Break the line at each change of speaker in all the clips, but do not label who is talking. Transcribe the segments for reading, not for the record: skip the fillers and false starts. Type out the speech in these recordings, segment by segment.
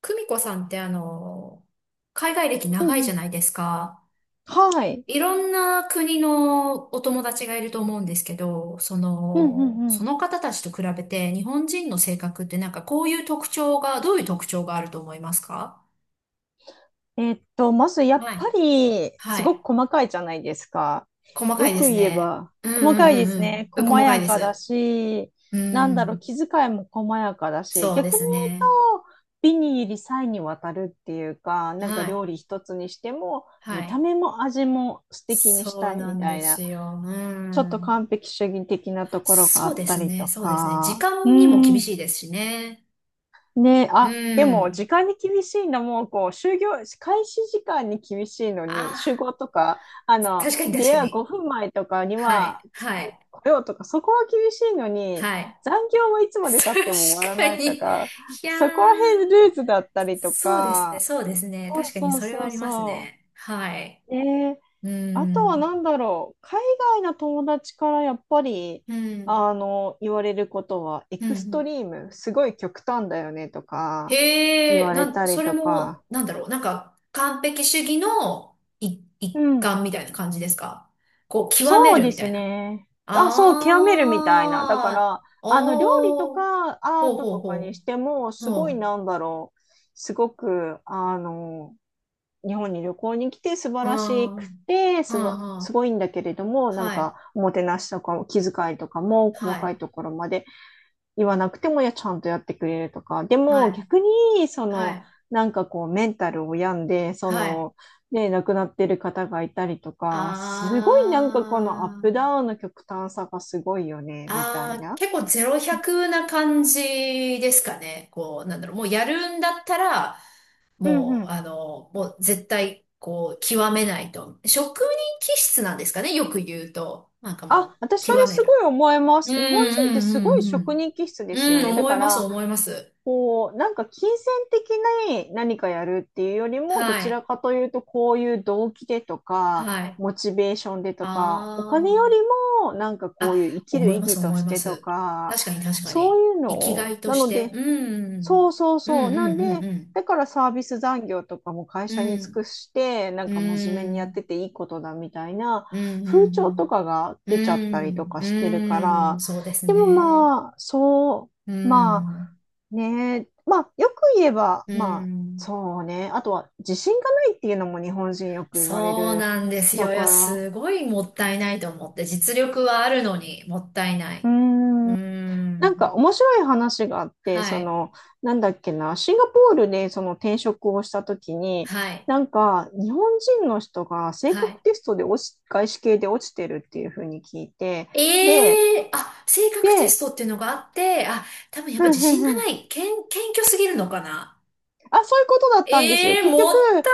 久美子さんって海外歴
う
長
ん
いじ
う
ゃ
ん。
ないですか。
はい。
いろんな国のお友達がいると思うんですけど、そ
うんう
の、
んう
そ
ん。
の方たちと比べて日本人の性格ってなんかこういう特徴が、どういう特徴があると思いますか？
まずやっ
は
ぱ
い。
り、
は
すご
い。
く細かいじゃないですか。
細か
よ
いで
く
す
言え
ね。
ば、
うんう
細
ん
かい
う
ですね。
んうん。
細
細かい
や
で
かだ
す。
し、
う
なんだろう、
ん。
気遣いも細やかだし、
そうで
逆に言
す
う
ね。
と、美に入り細にわたるっていうか、なんか
はい。
料理一つにしても、
は
見た
い。
目も味も素敵にし
そう
たい
な
み
ん
た
で
い
す
な、
よ。う
ちょっと
ん。
完璧主義的なところがあ
そう
っ
で
た
す
り
ね、
と
そうですね。時
か、う
間にも厳
ん。
しいですしね。
ねえ、
う
あ、でも時
ん。
間に厳しいのも、こう、就業、開始時間に厳しいの
あ
に、集
あ、
合とか、
確かに確
出
か
会う
に。
5分前とかに
は
は
い、はい、
来ようとか、そこは厳しいのに、
はい。
残業はいつまで経っ ても終わ
確
ら
か
ないと
に。い
か、
や
そこら辺
ー、
ルーズだったりと
そうですね、
か、
そうですね。
そう
確かに
そう
それ
そ
はあ
う
ります
そ
ね。はい。
う。ねえ、
う
あとは
ん、
何だろう、海外の友達からやっぱり
うん、
言われることは、エ
う
クスト
ん。
リーム、すごい極端だよねとか言
へえ、
われた
そ
り
れ
とか、
も、なんだろう、なんか、完璧主義のい
う
一
ん、
環みたいな感じですか？こう、極め
そう
る
で
みた
す
いな。
ね。あ、そう、極めるみたいな。だか
ああ、
ら、あの料理と
おー、
かア
ほう
ート
ほう
とかに
ほ
しても、
う、
す
ほ
ごい
う、
なんだろう、すごく、日本に旅行に来て素晴らしく
あ
て
あ、
す
は
ごいんだけれども、
あ、
なん
は
か、
い、
おもてなしとか気遣いとかも
は
細かい
い、
ところまで言わなくても、いや、ちゃんとやってくれるとか、で
は
も
い、
逆に、そ
は
の、
い、
なんかこう、メンタルを病んで、そ
はい、
の、ね、亡くなってる方がいたりとか、すごいなんかこ
あ
のアップダ
あ、
ウンの極端さがすごいよね、みた
あ
い
あ、
な。
結構ゼロ百な感じですかね。こう、なんだろう、もうやるんだったら、
うん
も
う
う、
ん。
もう絶対、こう、極めないと。職人気質なんですかね、よく言うと。なんか
あ、
もう、
私そ
極
れ
め
すご
る。
い思いま
うんう
す。日本人ってすご
ん
い
う
職
ん
人気質で
う
す
ん。
よ
うん、
ね。だ
思
か
います、
ら、
思います。
こう、なんか金銭的な何かやるっていうよりも、ど
は
ちら
い、
かというと、こういう動機でとか、
はい。
モチベーションでとか、お金より
あ
も、なんか
あ、
こういう生
あ、
きる
思
意
います、
義と
思い
し
ま
てと
す。
か、
確かに、確か
そう
に。
いうの
生きが
を、
いと
な
し
の
て。
で、
うん、
そうそう
うん、う
そう。なんで、
ん、
だからサービス残業とかも会
う
社に尽く
ん、
して、なん
うん。う
か真面目
ん、
に
う
やって
ん、
ていいことだみたいな
う
風潮と
ん、
かが
うん、う
出ちゃったりと
ん、
かしてるか
うん
ら、
そうです
でも
ね。
まあ、そ
う
う、ま
ん、
あね、まあよく言えば、
う
まあ
ん。
そうね、あとは自信がないっていうのも日本人よく言われ
そう
る。
なんです
だ
よ。い
か
や、
ら、
すごいもったいないと思って。実力はあるのに、もったいな
うー
い。う
ん、な
ん、
んか面白い話があって、
は
そ
い、
の、なんだっけな、シンガポールでその転職をした時に、
はい。
なんか日本人の人が性
は
格
い
テストで落ち、外資系で落ちてるっていうふうに聞いて、で、
ええあ、性格テス
で、
トっていうのがあって、あ、多分やっ
う
ぱ自
んう
信
ん
が
う
な
ん。
い。謙虚すぎるのかな。
あ、そういうことだったんですよ。
ええ
結局、
もった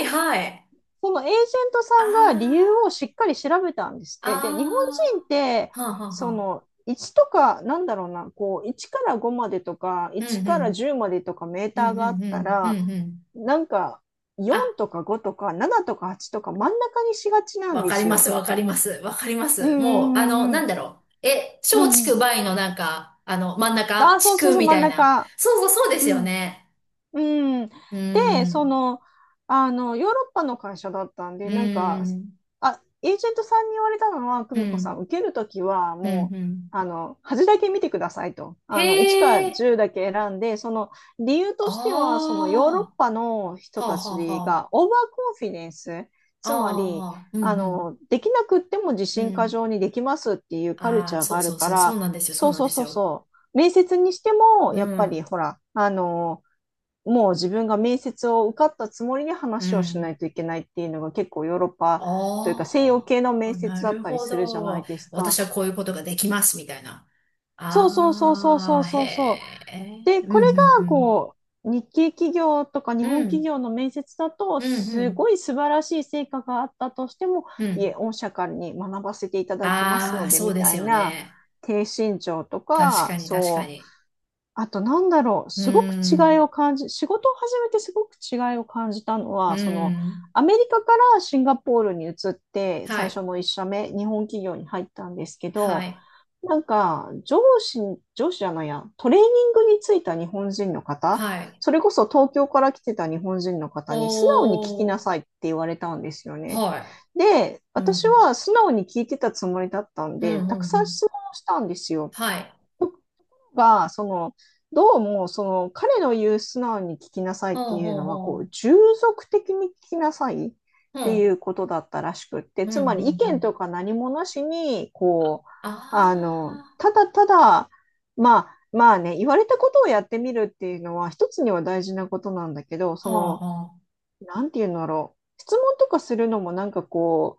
いない。はい。
そのエージェントさんが理由を
あ
しっかり調べたんですって。で、日本人
あ、
って、
ああ、はあ、はあ、
そ
は
の、
あ。
1とか、なんだろうな、こう、1から5までとか、
うん
1
う
から
ん、
10までとかメー
う
ター
ん、う
があっ
ん、う
た
ん、う
ら、
ん、うん。
なんか、4
あ、
とか5とか7とか8とか真ん中にしがちなん
わ
で
かり
す
ます、
よ。
わかります、わかりま
うん
す。
う
もう、あの、
んうん
な
う
ん
ん。
だろう。
う
小
んう
畜
ん。
梅のなんか、真ん中、
あ、そ
地
うそう
区
そう、
み
真
た
ん
いな。
中。
そうそう、そうです
う
よ
ん。
ね。
うん。
うー
で、そ
ん、
の、ヨーロッパの会社だったん
う
で、なん
ー
か、
ん、
あ、エージェントさんに言われたのは、
う
久美子さ
ん、
ん、受けるときは、
うん、う
もう、
ん。
端だけ見てくださいと。
へ
あの、1から
え。
10だけ選んで、その理由
あ
としては、そ
あ、
のヨーロッパの人
はあ
た
はあ
ち
は
が、オーバーコンフィデンス、
あ。あ
つま
あ、
り、
はあうんうん、
できなくっても自
う
信過
ん。
剰にできますっていうカル
あ
チ
あ、
ャー
そ
が
う
ある
そう
か
そう、そ
ら、
うなんですよ、そ
そ
う
う
なん
そ
で
う
す
そう
よ。
そう。面接にしても、
う
やっぱり
ん、
ほら、もう自分が面接を受かったつもりで
う
話をしな
ん。
いといけないっていうのが結構ヨーロッパというか西洋
あ
系の面
あ、な
接だっ
る
たり
ほ
するじゃない
ど。
ですか。
私はこういうことができます、みたいな。
そうそうそうそうそ
あ
う
あ、へ
そうそう。
え、
で、
う
これ
んうん
が
う
こう日系企業とか日
ん。う
本企
ん、
業の面接だと
うんう
す
ん、
ごい素晴らしい成果があったとしても、
う
いえ、
ん。
御社からに学ばせていただきます
ああ、
ので
そう
み
で
た
す
い
よ
な
ね。
低身長と
確
か、
かに、確か
そう。
に。
あと、なんだろう、
う
すごく違い
ん、
を感じ、仕事を始めてすごく違いを感じたの
う
は、その、
ん。
アメリカからシンガポールに移って、
は
最
い、
初の1社目、日本企業に入ったんですけ
は
ど、
い、
なんか、上司、上司じゃないや、トレーニングについた日本人の方、
はい。
それこそ東京から来てた日本人の
お
方に素直に聞きな
ー。
さいって言われたんですよね。
は
で、
い。う
私
ん。
は素直に聞いてたつもりだったん
うん、
で、
うん、
た
う
くさん
ん。
質問をしたんですよ。
はい。
が、その、どうも、その、彼の言う素直に聞きなさい
ほ
っ
う
ていう
ほう
のは、こう、
ほ
従属的に聞きなさいっ
う。ほう
てい
ん。
うことだったらしくって、
うん、う
つまり意
ん、う
見と
ん。
か何もなしに、こう、
あ
ただただ、まあ、まあね、言われたことをやってみるっていうのは、一つには大事なことなんだけど、
あ。
そ
は
の、
あ、はあ。
なんていうんだろう。質問とかするのもなんかこ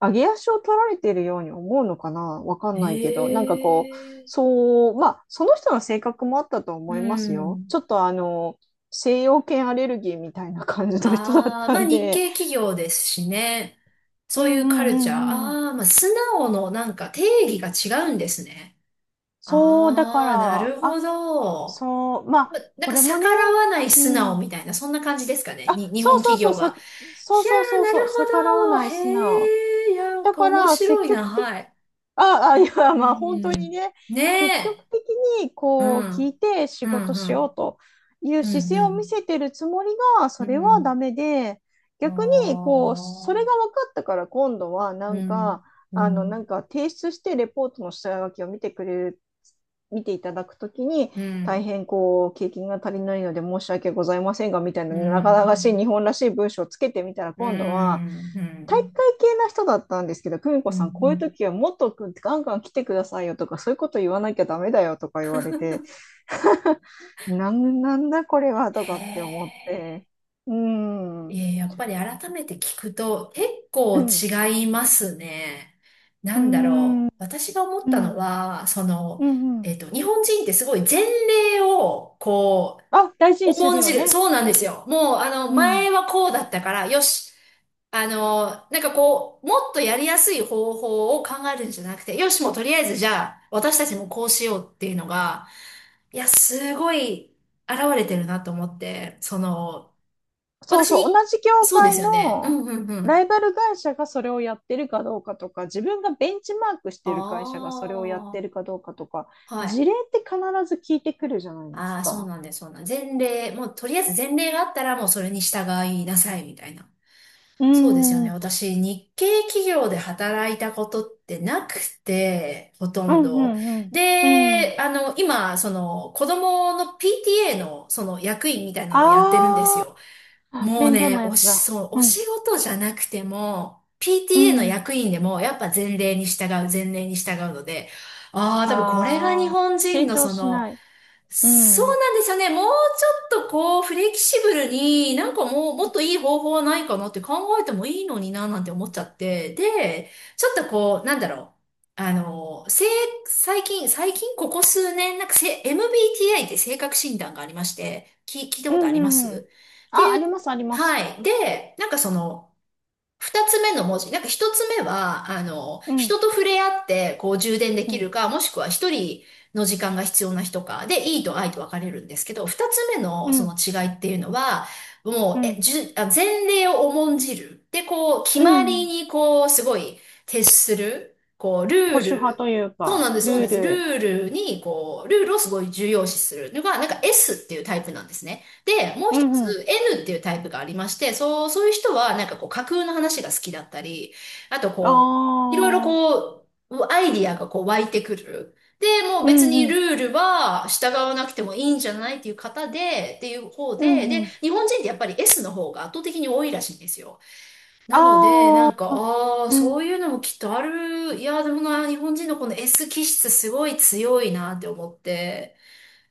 う、上げ足を取られてるように思うのかなわかんないけど、なんかこう、
ええ。
そう、まあ、その人の性格もあったと
う
思いますよ。
ん。
ちょっと西洋犬アレルギーみたいな感じの人だっ
ああ、
た
まあ
ん
日
で、
系企業ですしね。
うん
そういう
う
カルチャー。
ん
あ
うんうん。
あ、まあ素直のなんか定義が違うんですね。
そう、だか
ああ、な
ら、
るほ
あ、
ど。
そう、ま
ま、
あ、
なん
こ
か
れもね、
逆らわない
う
素直
ん。
みたいな、そんな感じですかね。
あ、
に、日
そ
本
うそう
企
そ
業
う、
が。
そう
いや
そう
ー、
そう
な
そう、
る
逆らわ
ほ
ない
ど。へ
素直。
え、いや、なん
だ
か
か
面
ら、積
白いな。
極的
はい。
ああ、いや、
う
まあ本当に
ん。
ね、
ね
積極
え。
的に
う
こう聞い
ん。
て仕
う
事
ん、う
しよう
ん。
という
う
姿勢を見
ん、
せてるつもりが、そ
うん。
れ
う
はダ
ん。
メで、
あ
逆にこう、それが
あ。
分かったから今度はな
う
んか、
ん。う
な
ん。
んか提出してレポートの下書きを見てくれる、見ていただくときに、
う
大
ん。
変こう、経験が足りないので申し訳ございませんが、みたいな、
う
なかなかしい
ん。
日本らしい文章をつけてみたら、
う
今度は、
ん。う
体育
ん。
会系な人だったんですけど、久美
う
子
ん。う
さん、こういう
ん
時はもっとガンガン来てくださいよとか、そういうこと言わなきゃダメだよとか言われて、なんだこれはと
へ
かって思っ
え。
て、うーん、う
え
ん、
ーやっぱり改めて聞くと結構
う
違いますね。な
ん、う
んだろ
ん、
う。私が思ったのは、その、
うん、うん。
日本人ってすごい前例を、こ
あ、大事
う、
にする
重ん
よ
じる。
ね。
そうなんですよ。もう、
うん。
前はこうだったから、よし。なんかこう、もっとやりやすい方法を考えるんじゃなくて、よし、もうとりあえずじゃあ、私たちもこうしようっていうのが、いや、すごい現れてるなと思って、その、
そう
私
そう、
に、
同じ業
そうで
界
すよね。う
の
んうんう
ラ
ん。
イバル会社がそれをやってるかどうかとか、自分がベンチマークしてる会社が
あ
それをやってるかどうかとか、
あ、はい。
事例って必ず聞いてくるじゃないです
ああ、そう
か。
なんです、そうなんです。前例、もうとりあえず前例があったらもうそれに従いなさいみたいな。
うー
そうですよね。
ん
私、日系企業で働いたことってなくて、ほと
う
ん
んう
ど。
んうん。う
で、
ん。
今、子供の PTA の、役員みたいなのをやってるんです
あ
よ。
あ、
もう
面倒
ね、
なやつだ。
そう、お
う
仕
ん。
事じゃなくても、
う
PTA の
ん。
役員でも、やっぱ前例に従う、前例に従うので、ああ、多分これが日
ああ、
本人
成
の
長
そ
し
の、
ない。うん。
そう
うん
なんですよね。もうちょっとこう、フレキシブルに、なんかもう、もっといい方法はないかなって考えてもいいのにな、なんて思っちゃって。で、ちょっとこう、なんだろう。あの、せい、最近ここ数年、なんかせ、MBTI って性格診断がありまして、聞いた
う
ことありま
んう
す
ん。
って
あ、
い
あ
う、
ります、ありま
は
す。
い。で、なんかその、二つ目の文字。なんか一つ目は、
うん。
人と触れ合って、こう充電で
う
きる
ん。
か、もしくは一人の時間が必要な人か、で、いいと愛と分かれるんですけど、二つ目
う
のそ
ん。
の違いっていうのは、
う
もう、え、
ん。
じゅ、あ、前例を重んじる。で、こう、決
う
まり
ん。
に、こう、すごい、徹する。こう、ル
保
ー
守派
ル。
という
そうな
か、
んです、そう
ル
なんで
ー
す。
ル。
ルールをすごい重要視するのが、なんか S っていうタイプなんですね。で、もう
う
一
んうん。
つ N っていうタイプがありまして、そう、そういう人はなんかこう架空の話が好きだったり、あと
あ
こう、いろいろ
あ、
こう、アイディアがこう湧いてくる。で、もう
う
別
ん
に
う
ル
ん。
ールは従わなくてもいいんじゃないっていう方で、
うんう
で、
ん。
日本人ってやっぱり S の方が圧倒的に多いらしいんですよ。なので、な
ああ、
んか、ああ、
う
そう
ん。
いうのもきっとある。いや、でもな、日本人のこの S 気質すごい強いなって思って。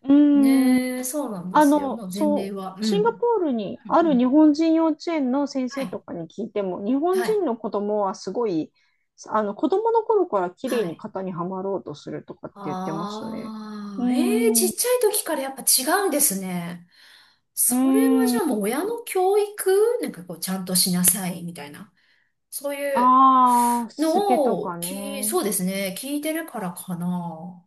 うん。
ねえ、そうなんですよ。もう前例
そ
は。う
う、
ん。う
シンガポ
ん
ールにあ
う
る日
ん
本人幼稚園の先
は
生と
い、
かに聞いても、日本
は
人
い、
の子供はすごい、子供の頃から綺
は
麗に
い。
型にはまろうとするとかって言ってましたね。うー
ああ、ええち
ん、
っ
う
ちゃい時からやっぱ違うんですね。
ー
それはじゃ
ん、
あもう親の教育なんかこうちゃんとしなさいみたいな。そういう
ああ、しつけ
の
と
を
かね。
そうですね。聞いてるからかな。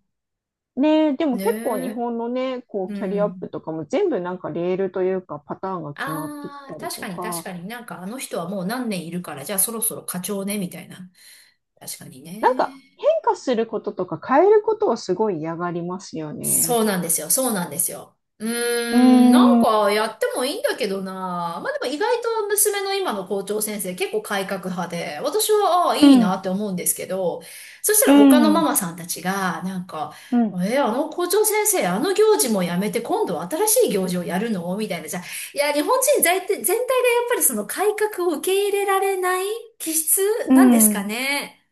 ねえ、でも
ね
結構日
え。
本のね、こう、
う
キャリアアップ
ん。
とかも全部レールというかパターンが決まってき
ああ、
たり
確
と
かに確
か、
かになんかあの人はもう何年いるからじゃあそろそろ課長ねみたいな。確かにね。
変化することとか変えることをすごい嫌がりますよ
そ
ね。
うなんですよ。そうなんですよ。う
うー
ーん、なん
ん
かやってもいいんだけどな。まあでも意外と娘の今の校長先生結構改革派で、私はああ、
う
いいな
ん、
って思うんですけど、そした
う
ら他のマ
ん、
マさんたちが、なんか、
うん、
あの校長先生、あの行事もやめて今度は新しい行事をやるのみたいな。じゃあ、いや、日本人全体がやっぱりその改革を受け入れられない気質
う
なんですか
ん。
ね。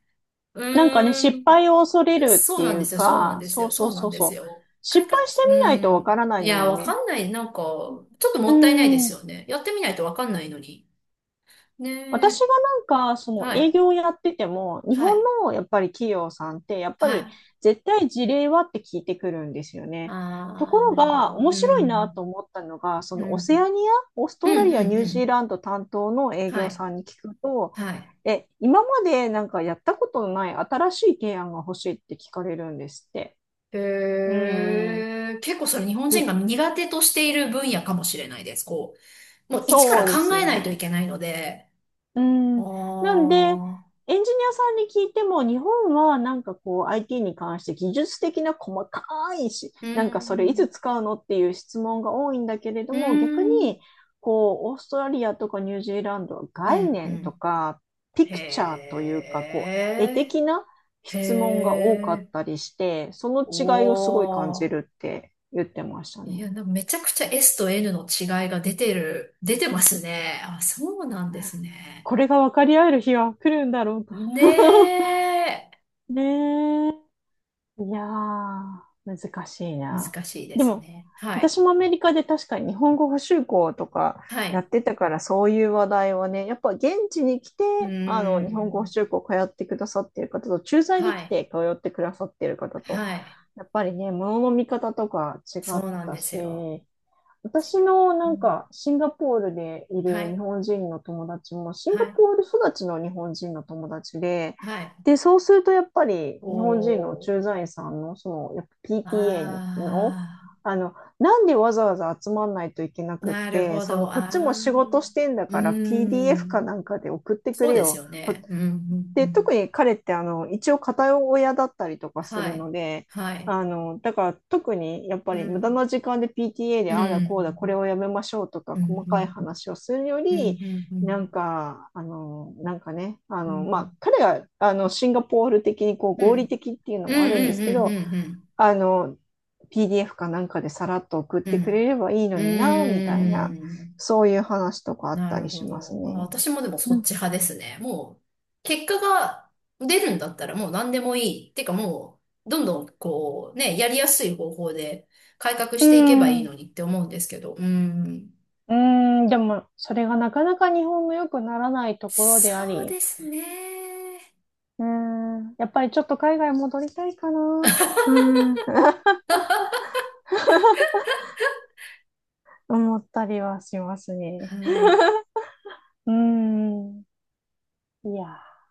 う
なんかね、
ー
失
ん。
敗を恐れるっ
そう
て
な
い
んで
う
すよ、そうなん
か、
です
そう
よ、
そ
そ
う
うな
そ
ん
う
です
そう。
よ。改
失
革、
敗して
う
みないとわか
ん。
らない
い
の
や、
に
わ
ね。
かんない。なんか、ちょっと
う
もったいないです
ん、
よね。やってみないとわかんないのに。ね
私
え。
が、その
は
営
い。
業をやってても、日
は
本
い。
のやっぱり企業さんって、やっぱ
はい。
り
あ
絶対事例はって聞いてくるんですよね。とこ
あ、
ろ
なるほ
が、
ど。
面
う
白いなと
ん。
思ったのが、そ
う
のオセ
ん。
アニア、オース
うん、
トラリ
う
ア、ニ
ん、
ュー
う
ジー
ん。
ランド担当の営
は
業
い。
さんに聞くと、
はい。
今までやったことのない新しい提案が欲しいって聞かれるんですって。う
へ
ん
え、結構それ日本人が
す
苦手としている分野かもしれないです。こう、もう一から
そうで
考
すよ
えないとい
ね。
けないので。
う
あ
ん。なんで、
あ、
エンジニアさんに聞いても、日本はこう IT に関して技術的な細かいし、
う
それい
ん。
つ使うのっていう質問が多いんだけれど
う
も、逆
ん。
にこうオーストラリアとかニュージーランドは
う
概
ん、う
念と
ん。
かピ
へ
クチャーというか、こう絵的
え、
な
へ
質問が多かっ
え、
たりして、その
お
違いをすごい感じ
ー。
るって言ってました
いや、
ね。
なんかめちゃくちゃ S と N の違いが出てますね。あ、そうなんですね。
これが分かり合える日は来るんだろうか。
ねえ、
ねえ。いやー、難しいな。
難しいで
で
す
も、
ね。はい、
私もアメリカで確かに日本語補習校とか
は
やっ
い、
てたから、そういう話題はね、やっぱ現地に来て、
うー
日本語補
ん、
習校通ってくださってる方と、駐在
は
で来
い、
て通ってくださってる方
は
と、
い、
やっぱりね、ものの見方とか違
そ
っ
う
て
なん
た
です
し、
よ。
私の
うん
シンガポールでい
は
る日
い、
本人の友達もシン
は
ガポ
い、
ール育ちの日本人の友達で、
はい、
で、そうするとやっぱり
お
日本人の
ー、
駐在員さんのそのやっぱ PTA の、
あ
なんでわざわざ集まんないといけな
ー、
くっ
なる
て、
ほ
その
ど、
こっ
あ
ちも仕
ー、
事してんだ
うー
から PDF か
ん。
なんかで送ってく
そう
れ
です
よ。
よね。うん、うん、う
で、
ん。
特に彼って一応片親だったりとかす
は
るの
い。
で、
はい。
だから特にやっぱ
う
り無駄
ん。
な時間で PTA で
う
ああだこうだこれ
ん。
をやめましょうとか
う
細かい
ん。
話をするよ
うん。うん。
り
うん。う
ま
ん。
あ、彼がシンガポール的にこう
う
合理
ん。
的っていうの
うん。う
もあるんですけど
ん。うん。
あの PDF かなんかでさらっと送っ
う
てくれ
ん。
ればいいの
う
になみたいな、
ん。
そういう話とかあっ
な
た
る
り
ほ
します
ど。
ね。
私もでも
う
そっ
ん。
ち派ですね。もう、結果が出るんだったらもう何でもいい。ってかもう、どんどんこう、ね、やりやすい方法で改革
う
していけばいい
ん
のにって思うんですけど。うん。
うーん、でも、それがなかなか日本の良くならないところであ
そう
り、
ですね。
うーん、やっぱりちょっと海外戻りたいかな。うーん、思ったりはします
は
ね。
い。
うーん、いやー。